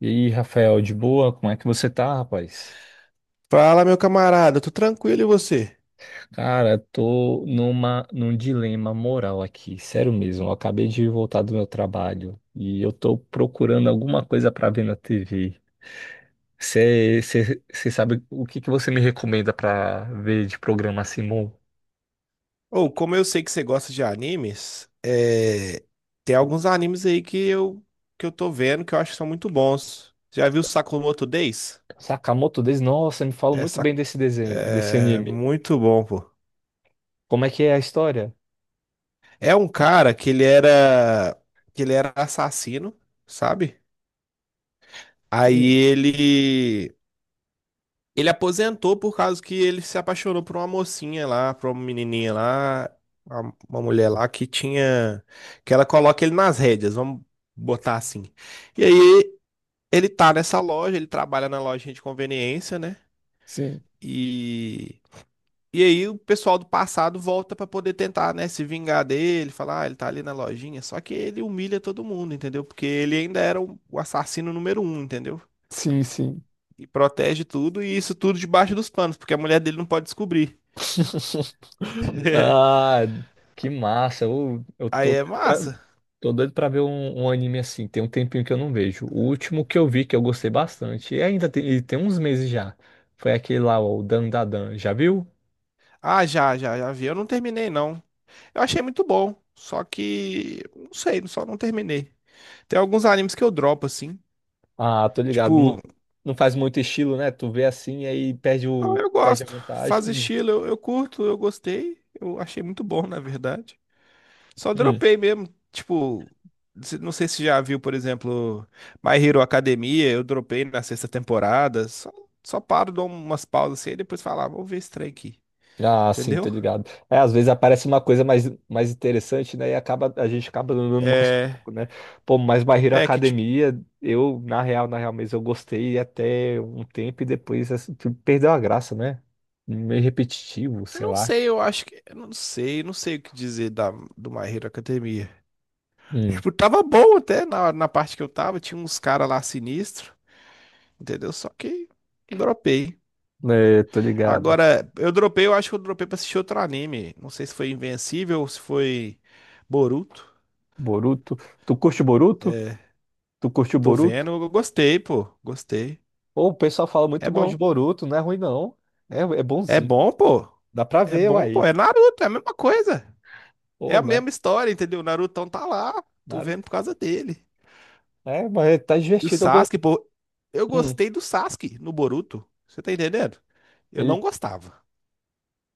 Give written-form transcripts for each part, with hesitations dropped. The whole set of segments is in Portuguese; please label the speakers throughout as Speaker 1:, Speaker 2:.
Speaker 1: E aí, Rafael, de boa? Como é que você tá, rapaz?
Speaker 2: Fala, meu camarada, tô tranquilo e você?
Speaker 1: Cara, tô num dilema moral aqui, sério mesmo. Eu acabei de voltar do meu trabalho e eu tô procurando alguma coisa pra ver na TV. Você sabe o que que você me recomenda pra ver de programa assim,
Speaker 2: Ou, como eu sei que você gosta de animes, tem alguns animes aí que eu tô vendo que eu acho que são muito bons. Já viu Sakamoto Days?
Speaker 1: Sakamoto Days? Nossa, me fala
Speaker 2: É,
Speaker 1: muito
Speaker 2: sa-
Speaker 1: bem desse desenho, desse
Speaker 2: É
Speaker 1: anime.
Speaker 2: muito bom, pô.
Speaker 1: Como é que é a história?
Speaker 2: É um cara que ele era assassino, sabe? Aí
Speaker 1: Hum,
Speaker 2: ele Ele aposentou por causa que ele se apaixonou por uma mocinha lá, por uma menininha lá, uma mulher lá que tinha, que ela coloca ele nas rédeas, vamos botar assim. E aí ele tá nessa loja, ele trabalha na loja de conveniência, né?
Speaker 1: sim.
Speaker 2: E e aí o pessoal do passado volta pra poder tentar, né, se vingar dele, falar, ah, ele tá ali na lojinha, só que ele humilha todo mundo, entendeu? Porque ele ainda era o assassino número um, entendeu?
Speaker 1: Sim, sim.
Speaker 2: E protege tudo, e isso tudo debaixo dos panos, porque a mulher dele não pode descobrir.
Speaker 1: Ah, que massa. Eu
Speaker 2: Aí
Speaker 1: tô
Speaker 2: é
Speaker 1: doido pra,
Speaker 2: massa.
Speaker 1: tô doido pra ver um, um anime assim. Tem um tempinho que eu não vejo. O último que eu vi que eu gostei bastante, e ainda tem, e tem uns meses já, foi aquele lá, ó, o Dandadan. Já viu?
Speaker 2: Ah, já, já, já vi. Eu não terminei, não. Eu achei muito bom. Só que, não sei, só não terminei. Tem alguns animes que eu dropo, assim.
Speaker 1: Ah, tô ligado. Não,
Speaker 2: Tipo,
Speaker 1: não faz muito estilo, né? Tu vê assim e aí perde
Speaker 2: não,
Speaker 1: o,
Speaker 2: eu
Speaker 1: perde a
Speaker 2: gosto. Faz
Speaker 1: vantagem.
Speaker 2: estilo, eu curto, eu gostei. Eu achei muito bom, na verdade. Só
Speaker 1: Hum.
Speaker 2: dropei mesmo. Tipo, não sei se já viu, por exemplo, My Hero Academia. Eu dropei na sexta temporada. Só paro, dou umas pausas assim e depois falo, ah, vou ver esse trem aqui.
Speaker 1: Ah, sim,
Speaker 2: Entendeu?
Speaker 1: tô ligado. É, às vezes aparece uma coisa mais interessante, né? A gente acaba andando mais
Speaker 2: É,
Speaker 1: pouco, né? Pô, mas My Hero
Speaker 2: é que
Speaker 1: Academia, eu, na real, na real mesmo, eu gostei até um tempo e depois assim, perdeu a graça, né? Meio repetitivo,
Speaker 2: eu
Speaker 1: sei
Speaker 2: não
Speaker 1: lá.
Speaker 2: sei, eu acho que. Eu não sei, não sei o que dizer da, do My Hero Academia.
Speaker 1: Hum.
Speaker 2: Tipo, tava bom até na, na parte que eu tava, tinha uns caras lá sinistro, entendeu? Só que dropei.
Speaker 1: É, tô ligado.
Speaker 2: Agora, eu dropei, eu acho que eu dropei pra assistir outro anime. Não sei se foi Invencível ou se foi Boruto.
Speaker 1: Boruto. Tu curte o Boruto?
Speaker 2: É,
Speaker 1: Tu curte o
Speaker 2: tô
Speaker 1: Boruto?
Speaker 2: vendo, eu gostei, pô. Gostei.
Speaker 1: Pô, o pessoal fala muito
Speaker 2: É
Speaker 1: mal de
Speaker 2: bom.
Speaker 1: Boruto, não é ruim, não. É, é
Speaker 2: É
Speaker 1: bonzinho.
Speaker 2: bom, pô.
Speaker 1: Dá pra
Speaker 2: É
Speaker 1: ver,
Speaker 2: bom, pô.
Speaker 1: uai.
Speaker 2: É Naruto, é a mesma coisa. É
Speaker 1: Pô,
Speaker 2: a
Speaker 1: velho
Speaker 2: mesma história, entendeu? O Narutão tá lá. Tô vendo
Speaker 1: Naruto.
Speaker 2: por causa dele.
Speaker 1: É, mas tá
Speaker 2: E o
Speaker 1: divertido.
Speaker 2: Sasuke, pô, eu
Speaker 1: Hum.
Speaker 2: gostei do Sasuke no Boruto. Você tá entendendo? Eu
Speaker 1: Ele
Speaker 2: não gostava.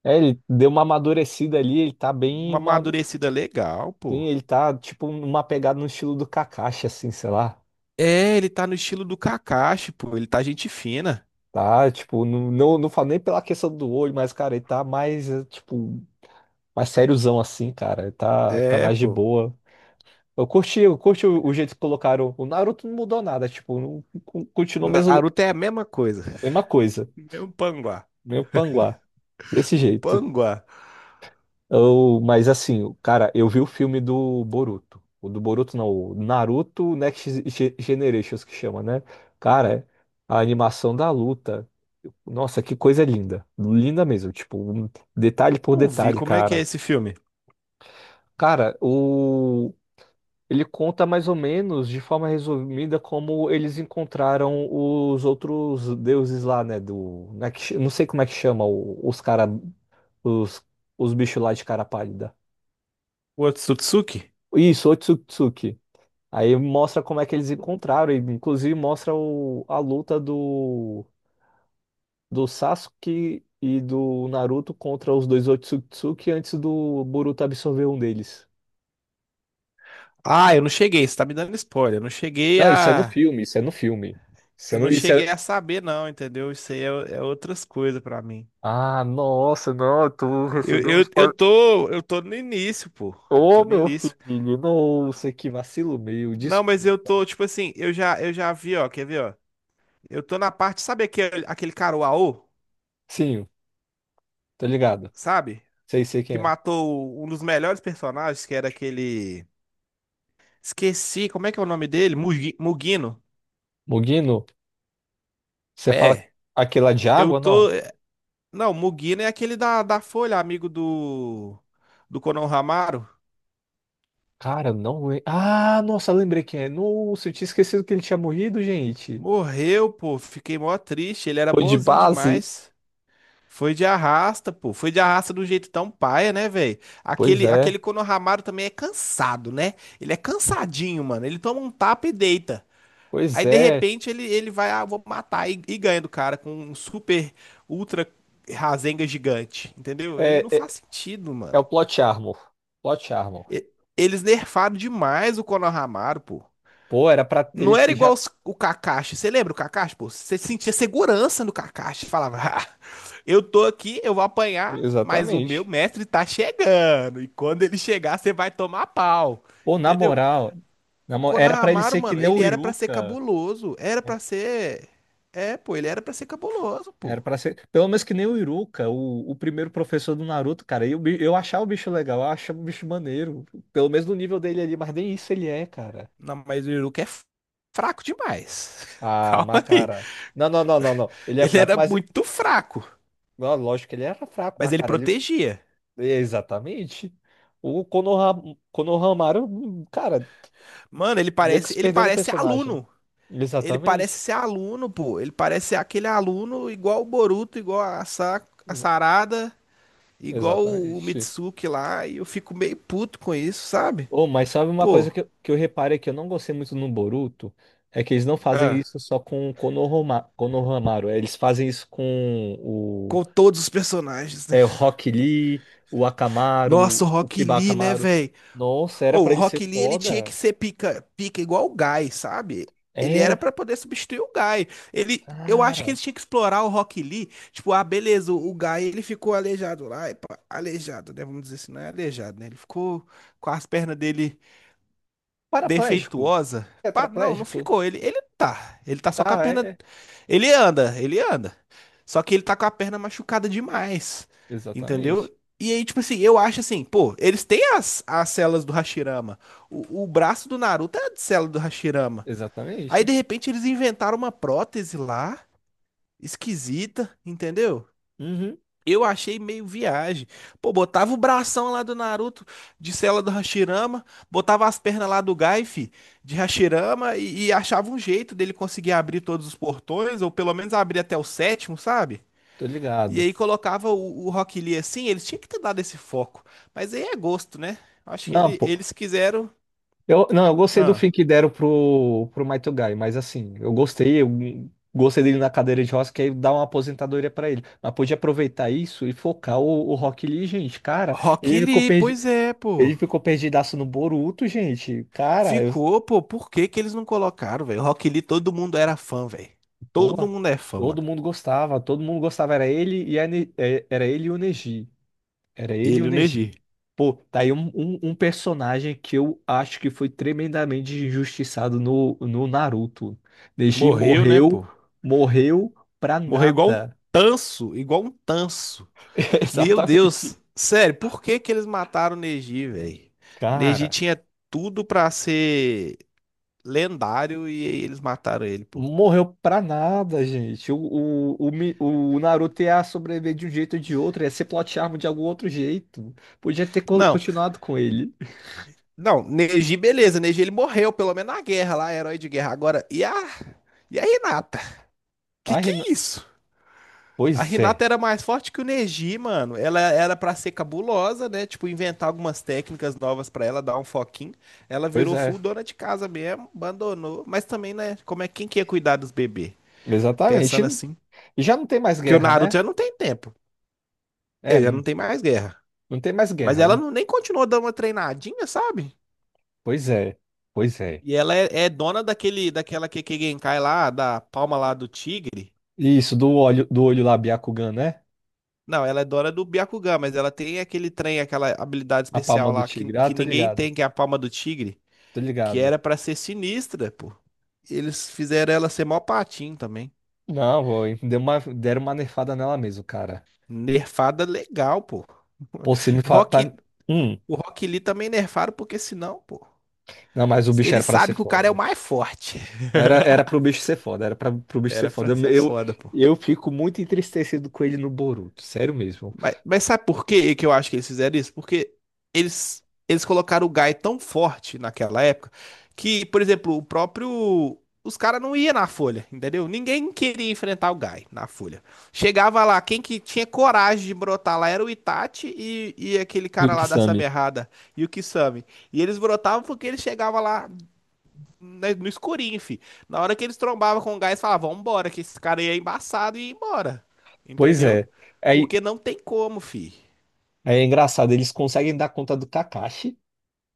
Speaker 1: ele deu uma amadurecida ali, ele tá
Speaker 2: Uma amadurecida legal,
Speaker 1: sim,
Speaker 2: pô.
Speaker 1: ele tá tipo numa pegada no estilo do Kakashi assim, sei lá.
Speaker 2: É, ele tá no estilo do Kakashi, pô. Ele tá gente fina.
Speaker 1: Tá, tipo, não, não, não falo nem pela questão do olho, mas cara, ele tá mais tipo, mais sériozão assim, cara. Ele tá
Speaker 2: É,
Speaker 1: mais de
Speaker 2: pô.
Speaker 1: boa. Eu curti o jeito que colocaram. O Naruto não mudou nada, tipo, não, continuou mesmo
Speaker 2: Naruto é a mesma coisa.
Speaker 1: mesma coisa,
Speaker 2: Mesmo panguá.
Speaker 1: meio panguá, desse
Speaker 2: Um
Speaker 1: jeito.
Speaker 2: panguá.
Speaker 1: Mas assim, cara, eu vi o filme do Boruto. O do Boruto não, o Naruto Next Generations que chama, né? Cara, a animação da luta. Nossa, que coisa linda. Linda mesmo, tipo, um detalhe por
Speaker 2: Não vi
Speaker 1: detalhe,
Speaker 2: como é que é
Speaker 1: cara.
Speaker 2: esse filme.
Speaker 1: Cara, o ele conta mais ou menos de forma resumida como eles encontraram os outros deuses lá, né, né, não sei como é que chama os, os bichos lá de cara pálida.
Speaker 2: O Otsutsuki?
Speaker 1: Isso, Otsutsuki. Aí mostra como é que eles encontraram, e inclusive mostra a luta do Sasuke e do Naruto contra os dois Otsutsuki antes do Boruto absorver um deles.
Speaker 2: Ah, eu não cheguei. Você tá me dando spoiler. Eu não cheguei
Speaker 1: Não, isso é no
Speaker 2: a.
Speaker 1: filme, isso é no filme. Isso é
Speaker 2: Eu
Speaker 1: no-
Speaker 2: não
Speaker 1: isso
Speaker 2: cheguei
Speaker 1: é-
Speaker 2: a saber, não, entendeu? É outras coisas pra mim.
Speaker 1: Ah, nossa, não, tu
Speaker 2: Eu,
Speaker 1: recebeu um
Speaker 2: eu, eu
Speaker 1: spoiler.
Speaker 2: tô, eu tô no início, pô. Eu
Speaker 1: Ô,
Speaker 2: tô no
Speaker 1: meu
Speaker 2: início.
Speaker 1: filho, nossa, que vacilo meu,
Speaker 2: Não, mas eu
Speaker 1: desculpa.
Speaker 2: tô, tipo assim, eu já vi, ó, quer ver, ó? Eu tô na parte, sabe aquele, aquele cara, o Aô,
Speaker 1: Sim, tá ligado?
Speaker 2: sabe?
Speaker 1: Sei, sei
Speaker 2: Que
Speaker 1: quem é.
Speaker 2: matou um dos melhores personagens, que era aquele. Esqueci, como é que é o nome dele? Mugino.
Speaker 1: Mugino, você fala
Speaker 2: É.
Speaker 1: aquela de
Speaker 2: Eu
Speaker 1: água,
Speaker 2: tô.
Speaker 1: não?
Speaker 2: é, Não, Mugino é aquele da Folha, amigo do. Do Konohamaru.
Speaker 1: Cara, não. Ah, nossa, lembrei quem é. Nossa, eu tinha esquecido que ele tinha morrido, gente.
Speaker 2: Morreu, pô. Fiquei mó triste. Ele era
Speaker 1: Foi de
Speaker 2: bonzinho
Speaker 1: base?
Speaker 2: demais. Foi de arrasta, pô. Foi de arrasta de um jeito tão paia, né, velho?
Speaker 1: Pois
Speaker 2: Aquele,
Speaker 1: é.
Speaker 2: aquele Konohamaru também é cansado, né? Ele é cansadinho, mano. Ele toma um tapa e deita.
Speaker 1: Pois
Speaker 2: Aí, de
Speaker 1: é.
Speaker 2: repente, ele vai, ah, vou matar e ganha do cara com um super, ultra Rasengan gigante, entendeu? Ele
Speaker 1: É,
Speaker 2: não faz
Speaker 1: é,
Speaker 2: sentido,
Speaker 1: é
Speaker 2: mano.
Speaker 1: o Plot Armor. Plot Armor.
Speaker 2: E- Eles nerfaram demais o Konohamaru, pô.
Speaker 1: Pô, era pra
Speaker 2: Não
Speaker 1: ele
Speaker 2: era igual
Speaker 1: já.
Speaker 2: o Kakashi. Você lembra o Kakashi, pô? Você sentia segurança no Kakashi. Falava, eu tô aqui, eu vou apanhar, mas o meu
Speaker 1: Exatamente.
Speaker 2: mestre tá chegando. E quando ele chegar, você vai tomar pau.
Speaker 1: Pô, na
Speaker 2: Entendeu?
Speaker 1: moral,
Speaker 2: O
Speaker 1: era pra ele
Speaker 2: Konohamaru,
Speaker 1: ser que
Speaker 2: mano,
Speaker 1: nem
Speaker 2: ele
Speaker 1: o
Speaker 2: era pra ser
Speaker 1: Iruka.
Speaker 2: cabuloso. Era pra
Speaker 1: Era
Speaker 2: ser. É, pô, ele era pra ser cabuloso,
Speaker 1: era
Speaker 2: pô.
Speaker 1: pra ser. Pelo menos que nem o Iruka, o primeiro professor do Naruto, cara. Eu achava o bicho legal, eu achava o bicho maneiro. Pelo menos no nível dele ali, mas nem isso ele é, cara.
Speaker 2: Não, mas o Iruka é fraco demais.
Speaker 1: Ah,
Speaker 2: Calma aí.
Speaker 1: Macara. Não, não, não, não, não. Ele é
Speaker 2: Ele
Speaker 1: fraco,
Speaker 2: era
Speaker 1: mas.
Speaker 2: muito fraco,
Speaker 1: Não, lógico que ele era fraco,
Speaker 2: mas
Speaker 1: mas,
Speaker 2: ele
Speaker 1: cara, ele.
Speaker 2: protegia.
Speaker 1: Exatamente. O Konohamaru, cara,
Speaker 2: Mano, ele
Speaker 1: meio que
Speaker 2: parece,
Speaker 1: se
Speaker 2: ele
Speaker 1: perdendo o
Speaker 2: parece
Speaker 1: personagem.
Speaker 2: aluno. Ele parece
Speaker 1: Exatamente.
Speaker 2: ser aluno, pô. Ele parece ser aquele aluno igual o Boruto, igual a, Sa a
Speaker 1: Exa-
Speaker 2: Sarada. Igual o
Speaker 1: Exatamente.
Speaker 2: Mitsuki lá, e eu fico meio puto com isso, sabe?
Speaker 1: Oh, mas sabe uma
Speaker 2: Pô,
Speaker 1: coisa que eu reparei que eu não gostei muito no Boruto? É que eles não fazem
Speaker 2: ah,
Speaker 1: isso só com o Konohamaru. É, eles fazem isso com o.
Speaker 2: com todos os personagens, né?
Speaker 1: É, o Rock Lee, o
Speaker 2: Nossa,
Speaker 1: Akamaru,
Speaker 2: o
Speaker 1: o
Speaker 2: Rock
Speaker 1: Kiba
Speaker 2: Lee, né,
Speaker 1: Akamaru.
Speaker 2: velho?
Speaker 1: Nossa, era pra
Speaker 2: O
Speaker 1: ele ser
Speaker 2: Rock Lee, ele tinha que
Speaker 1: foda.
Speaker 2: ser pica, pica igual o Guy, sabe? Ele era
Speaker 1: Era,
Speaker 2: pra poder substituir o Guy. Ele, eu acho que
Speaker 1: cara,
Speaker 2: eles tinham que explorar o Rock Lee. Tipo, ah, beleza, o Guy, ele ficou aleijado lá. Aleijado, né? Vamos dizer assim, não é aleijado, né? Ele ficou com as pernas dele
Speaker 1: paraplégico,
Speaker 2: defeituosa. Pá, não, não
Speaker 1: tetraplégico,
Speaker 2: ficou. Ele tá. Ele tá só com a
Speaker 1: tá,
Speaker 2: perna.
Speaker 1: é, é.
Speaker 2: Ele anda. Só que ele tá com a perna machucada demais.
Speaker 1: Exatamente,
Speaker 2: Entendeu? E aí, tipo assim, eu acho assim, pô, eles têm as, as células do Hashirama. O braço do Naruto é de célula do Hashirama. Aí, de
Speaker 1: exatamente,
Speaker 2: repente, eles inventaram uma prótese lá, esquisita, entendeu?
Speaker 1: uhum,
Speaker 2: Eu achei meio viagem. Pô, botava o bração lá do Naruto de cela do Hashirama, botava as pernas lá do Gai, fi, de Hashirama e achava um jeito dele conseguir abrir todos os portões, ou pelo menos abrir até o sétimo, sabe?
Speaker 1: tô
Speaker 2: E
Speaker 1: ligado.
Speaker 2: aí colocava o Rock Lee assim, eles tinham que ter dado esse foco. Mas aí é gosto, né? Acho que
Speaker 1: Não, pô,
Speaker 2: eles quiseram.
Speaker 1: eu, não, eu gostei do
Speaker 2: Ah.
Speaker 1: fim que deram pro, pro Might Guy, mas assim, eu gostei dele na cadeira de rodas, que aí dá uma aposentadoria pra ele, mas podia aproveitar isso e focar o Rock Lee, gente, cara,
Speaker 2: Rock
Speaker 1: ele ficou
Speaker 2: Lee,
Speaker 1: perdi,
Speaker 2: pois é,
Speaker 1: ele
Speaker 2: pô.
Speaker 1: ficou perdidaço no Boruto, gente, cara,
Speaker 2: Ficou, pô, por que que eles não colocaram, velho? Rock Lee, todo mundo era fã, velho. Todo
Speaker 1: porra.
Speaker 2: mundo é fã, mano.
Speaker 1: Todo mundo gostava, era ele e o Neji. Era ele e o
Speaker 2: Ele, e o
Speaker 1: Neji.
Speaker 2: Neji.
Speaker 1: Pô, tá aí um personagem que eu acho que foi tremendamente injustiçado no, no Naruto. Neji
Speaker 2: Morreu, né,
Speaker 1: morreu,
Speaker 2: pô?
Speaker 1: morreu pra
Speaker 2: Morreu igual um
Speaker 1: nada.
Speaker 2: tanso, igual um tanso. Meu
Speaker 1: Exatamente.
Speaker 2: Deus, sério, por que que eles mataram o Neji, velho? Neji
Speaker 1: Cara,
Speaker 2: tinha tudo pra ser lendário e aí eles mataram ele, pô.
Speaker 1: morreu pra nada, gente. O Naruto ia sobreviver de um jeito ou de outro, ia ser plot armor de algum outro jeito. Podia ter co-
Speaker 2: Não,
Speaker 1: continuado com ele.
Speaker 2: não, Neji, beleza, Neji ele morreu, pelo menos na guerra lá, herói de guerra. Agora, e a Hinata?
Speaker 1: Ai,
Speaker 2: Que é isso? A
Speaker 1: Pois é,
Speaker 2: Renata era mais forte que o Neji, mano. Ela era pra ser cabulosa, né? Tipo, inventar algumas técnicas novas pra ela, dar um foquinho. Ela
Speaker 1: pois
Speaker 2: virou full
Speaker 1: é.
Speaker 2: dona de casa mesmo, abandonou. Mas também, né? Como é quem que ia cuidar dos bebês? Pensando
Speaker 1: Exatamente.
Speaker 2: assim.
Speaker 1: E já não tem mais
Speaker 2: Que o
Speaker 1: guerra,
Speaker 2: Naruto
Speaker 1: né?
Speaker 2: já não tem tempo. Ele já
Speaker 1: É,
Speaker 2: não tem mais guerra.
Speaker 1: não tem mais
Speaker 2: Mas
Speaker 1: guerra,
Speaker 2: ela
Speaker 1: né?
Speaker 2: não, nem continuou dando uma treinadinha, sabe?
Speaker 1: Pois é, pois é.
Speaker 2: E ela é, é dona daquele, daquela Kekkei Genkai lá, da palma lá do tigre.
Speaker 1: Isso, do olho lá, Byakugan, né?
Speaker 2: Não, ela é dona do Byakugan, mas ela tem aquele trem, aquela habilidade
Speaker 1: A
Speaker 2: especial
Speaker 1: palma do
Speaker 2: lá
Speaker 1: tigre. Ah,
Speaker 2: que
Speaker 1: tô
Speaker 2: ninguém
Speaker 1: ligado,
Speaker 2: tem, que é a palma do tigre,
Speaker 1: tô
Speaker 2: que
Speaker 1: ligado.
Speaker 2: era pra ser sinistra, pô. Eles fizeram ela ser mó patinho também.
Speaker 1: Não, foi. Deram uma nerfada nela mesmo, cara.
Speaker 2: Nerfada legal, pô.
Speaker 1: Pô, você me
Speaker 2: O
Speaker 1: fala. Tá...
Speaker 2: Rock,
Speaker 1: Hum.
Speaker 2: o Rock Lee também nerfaram, porque senão, pô,
Speaker 1: Não, mas o bicho
Speaker 2: ele
Speaker 1: era pra ser
Speaker 2: sabe que o cara é o
Speaker 1: foda.
Speaker 2: mais forte.
Speaker 1: Era pro bicho ser foda, pro bicho ser
Speaker 2: Era
Speaker 1: foda.
Speaker 2: pra
Speaker 1: Eu,
Speaker 2: ser
Speaker 1: eu,
Speaker 2: foda, pô.
Speaker 1: eu fico muito entristecido com ele no Boruto, sério mesmo.
Speaker 2: Mas sabe por que que eu acho que eles fizeram isso? Porque eles colocaram o Guy tão forte naquela época que, por exemplo, o próprio. Os caras não iam na Folha, entendeu? Ninguém queria enfrentar o Guy na Folha. Chegava lá, quem que tinha coragem de brotar lá era o Itachi e aquele cara lá da
Speaker 1: Milksami.
Speaker 2: Samerrada, e o Kisame. E eles brotavam porque eles chegavam lá, né, no escurinho, fi. Na hora que eles trombavam com o gás, falavam, vambora, que esse cara aí é embaçado e ia embora.
Speaker 1: Pois
Speaker 2: Entendeu?
Speaker 1: é. Aí,
Speaker 2: Porque não tem como, fi.
Speaker 1: aí é engraçado, eles conseguem dar conta do Kakashi.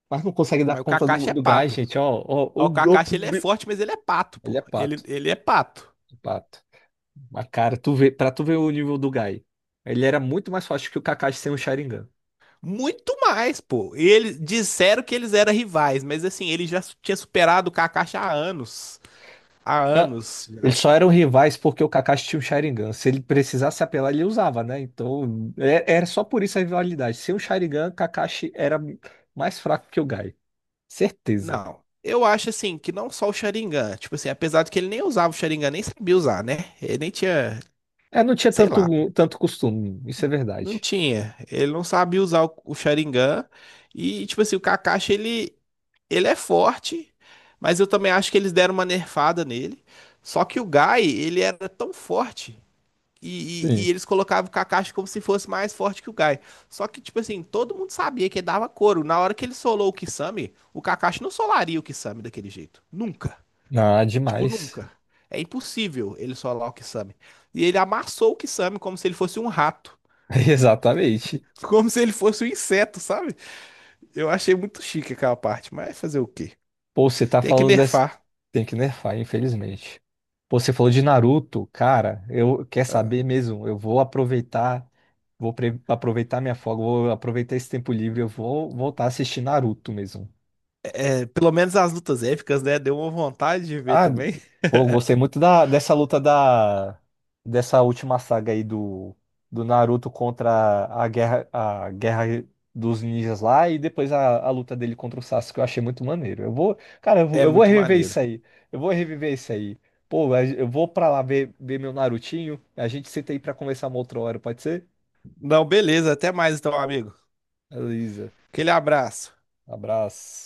Speaker 1: Mas não conseguem dar
Speaker 2: Mas o
Speaker 1: conta do,
Speaker 2: Kakashi é
Speaker 1: do gás,
Speaker 2: pato.
Speaker 1: gente.
Speaker 2: Mas o Kakashi, ele é forte, mas ele é pato,
Speaker 1: Ele é
Speaker 2: pô. Ele,
Speaker 1: pato,
Speaker 2: ele é pato.
Speaker 1: pato. Mas, cara, pra tu ver o nível do Gai, ele era muito mais forte que o Kakashi sem o Sharingan.
Speaker 2: Muito mais, pô. Eles disseram que eles eram rivais, mas assim, ele já tinha superado o Kakashi há anos. Há
Speaker 1: Ah,
Speaker 2: anos
Speaker 1: eles
Speaker 2: já.
Speaker 1: só eram rivais porque o Kakashi tinha um Sharingan. Se ele precisasse apelar, ele usava, né? Então, era só por isso a rivalidade. Sem o Sharingan, Kakashi era mais fraco que o Gai. Certeza.
Speaker 2: Não. Eu acho assim que não só o Sharingan, tipo assim, apesar de que ele nem usava o Sharingan, nem sabia usar, né? Ele nem tinha,
Speaker 1: É, não tinha
Speaker 2: sei lá, pô.
Speaker 1: tanto, tanto costume, isso é
Speaker 2: Não
Speaker 1: verdade.
Speaker 2: tinha. Ele não sabia usar o Sharingan. E, tipo assim, o Kakashi, ele é forte, mas eu também acho que eles deram uma nerfada nele. Só que o Gai, ele era tão forte. E
Speaker 1: Sim.
Speaker 2: eles colocavam o Kakashi como se fosse mais forte que o Gai. Só que, tipo assim, todo mundo sabia que ele dava couro. Na hora que ele solou o Kisame, o Kakashi não solaria o Kisame daquele jeito. Nunca.
Speaker 1: Ah,
Speaker 2: Tipo,
Speaker 1: demais.
Speaker 2: nunca. É impossível ele solar o Kisame. E ele amassou o Kisame como se ele fosse um rato.
Speaker 1: Exatamente.
Speaker 2: Como se ele fosse um inseto, sabe? Eu achei muito chique aquela parte, mas fazer o quê?
Speaker 1: Pô, você tá
Speaker 2: Tem que
Speaker 1: falando dessa.
Speaker 2: nerfar.
Speaker 1: Tem que nerfar, infelizmente. Pô, você falou de Naruto, cara. Eu quer
Speaker 2: Ah.
Speaker 1: saber mesmo? Eu vou aproveitar minha folga, vou aproveitar esse tempo livre, eu vou voltar a assistir Naruto mesmo.
Speaker 2: É, pelo menos as lutas épicas, né? Deu uma vontade de ver
Speaker 1: Ah,
Speaker 2: também.
Speaker 1: pô, eu gostei muito dessa luta dessa última saga aí do Naruto contra a guerra dos ninjas lá e depois a luta dele contra o Sasuke, eu achei muito maneiro. Eu vou, cara, eu vou,
Speaker 2: É
Speaker 1: eu vou
Speaker 2: muito
Speaker 1: reviver
Speaker 2: maneiro.
Speaker 1: isso aí. Eu vou reviver isso aí. Pô, eu vou pra lá ver, meu Narutinho. A gente senta aí pra conversar uma outra hora, pode ser?
Speaker 2: Não, beleza. Até mais então, amigo.
Speaker 1: Beleza.
Speaker 2: Aquele abraço.
Speaker 1: Abraço.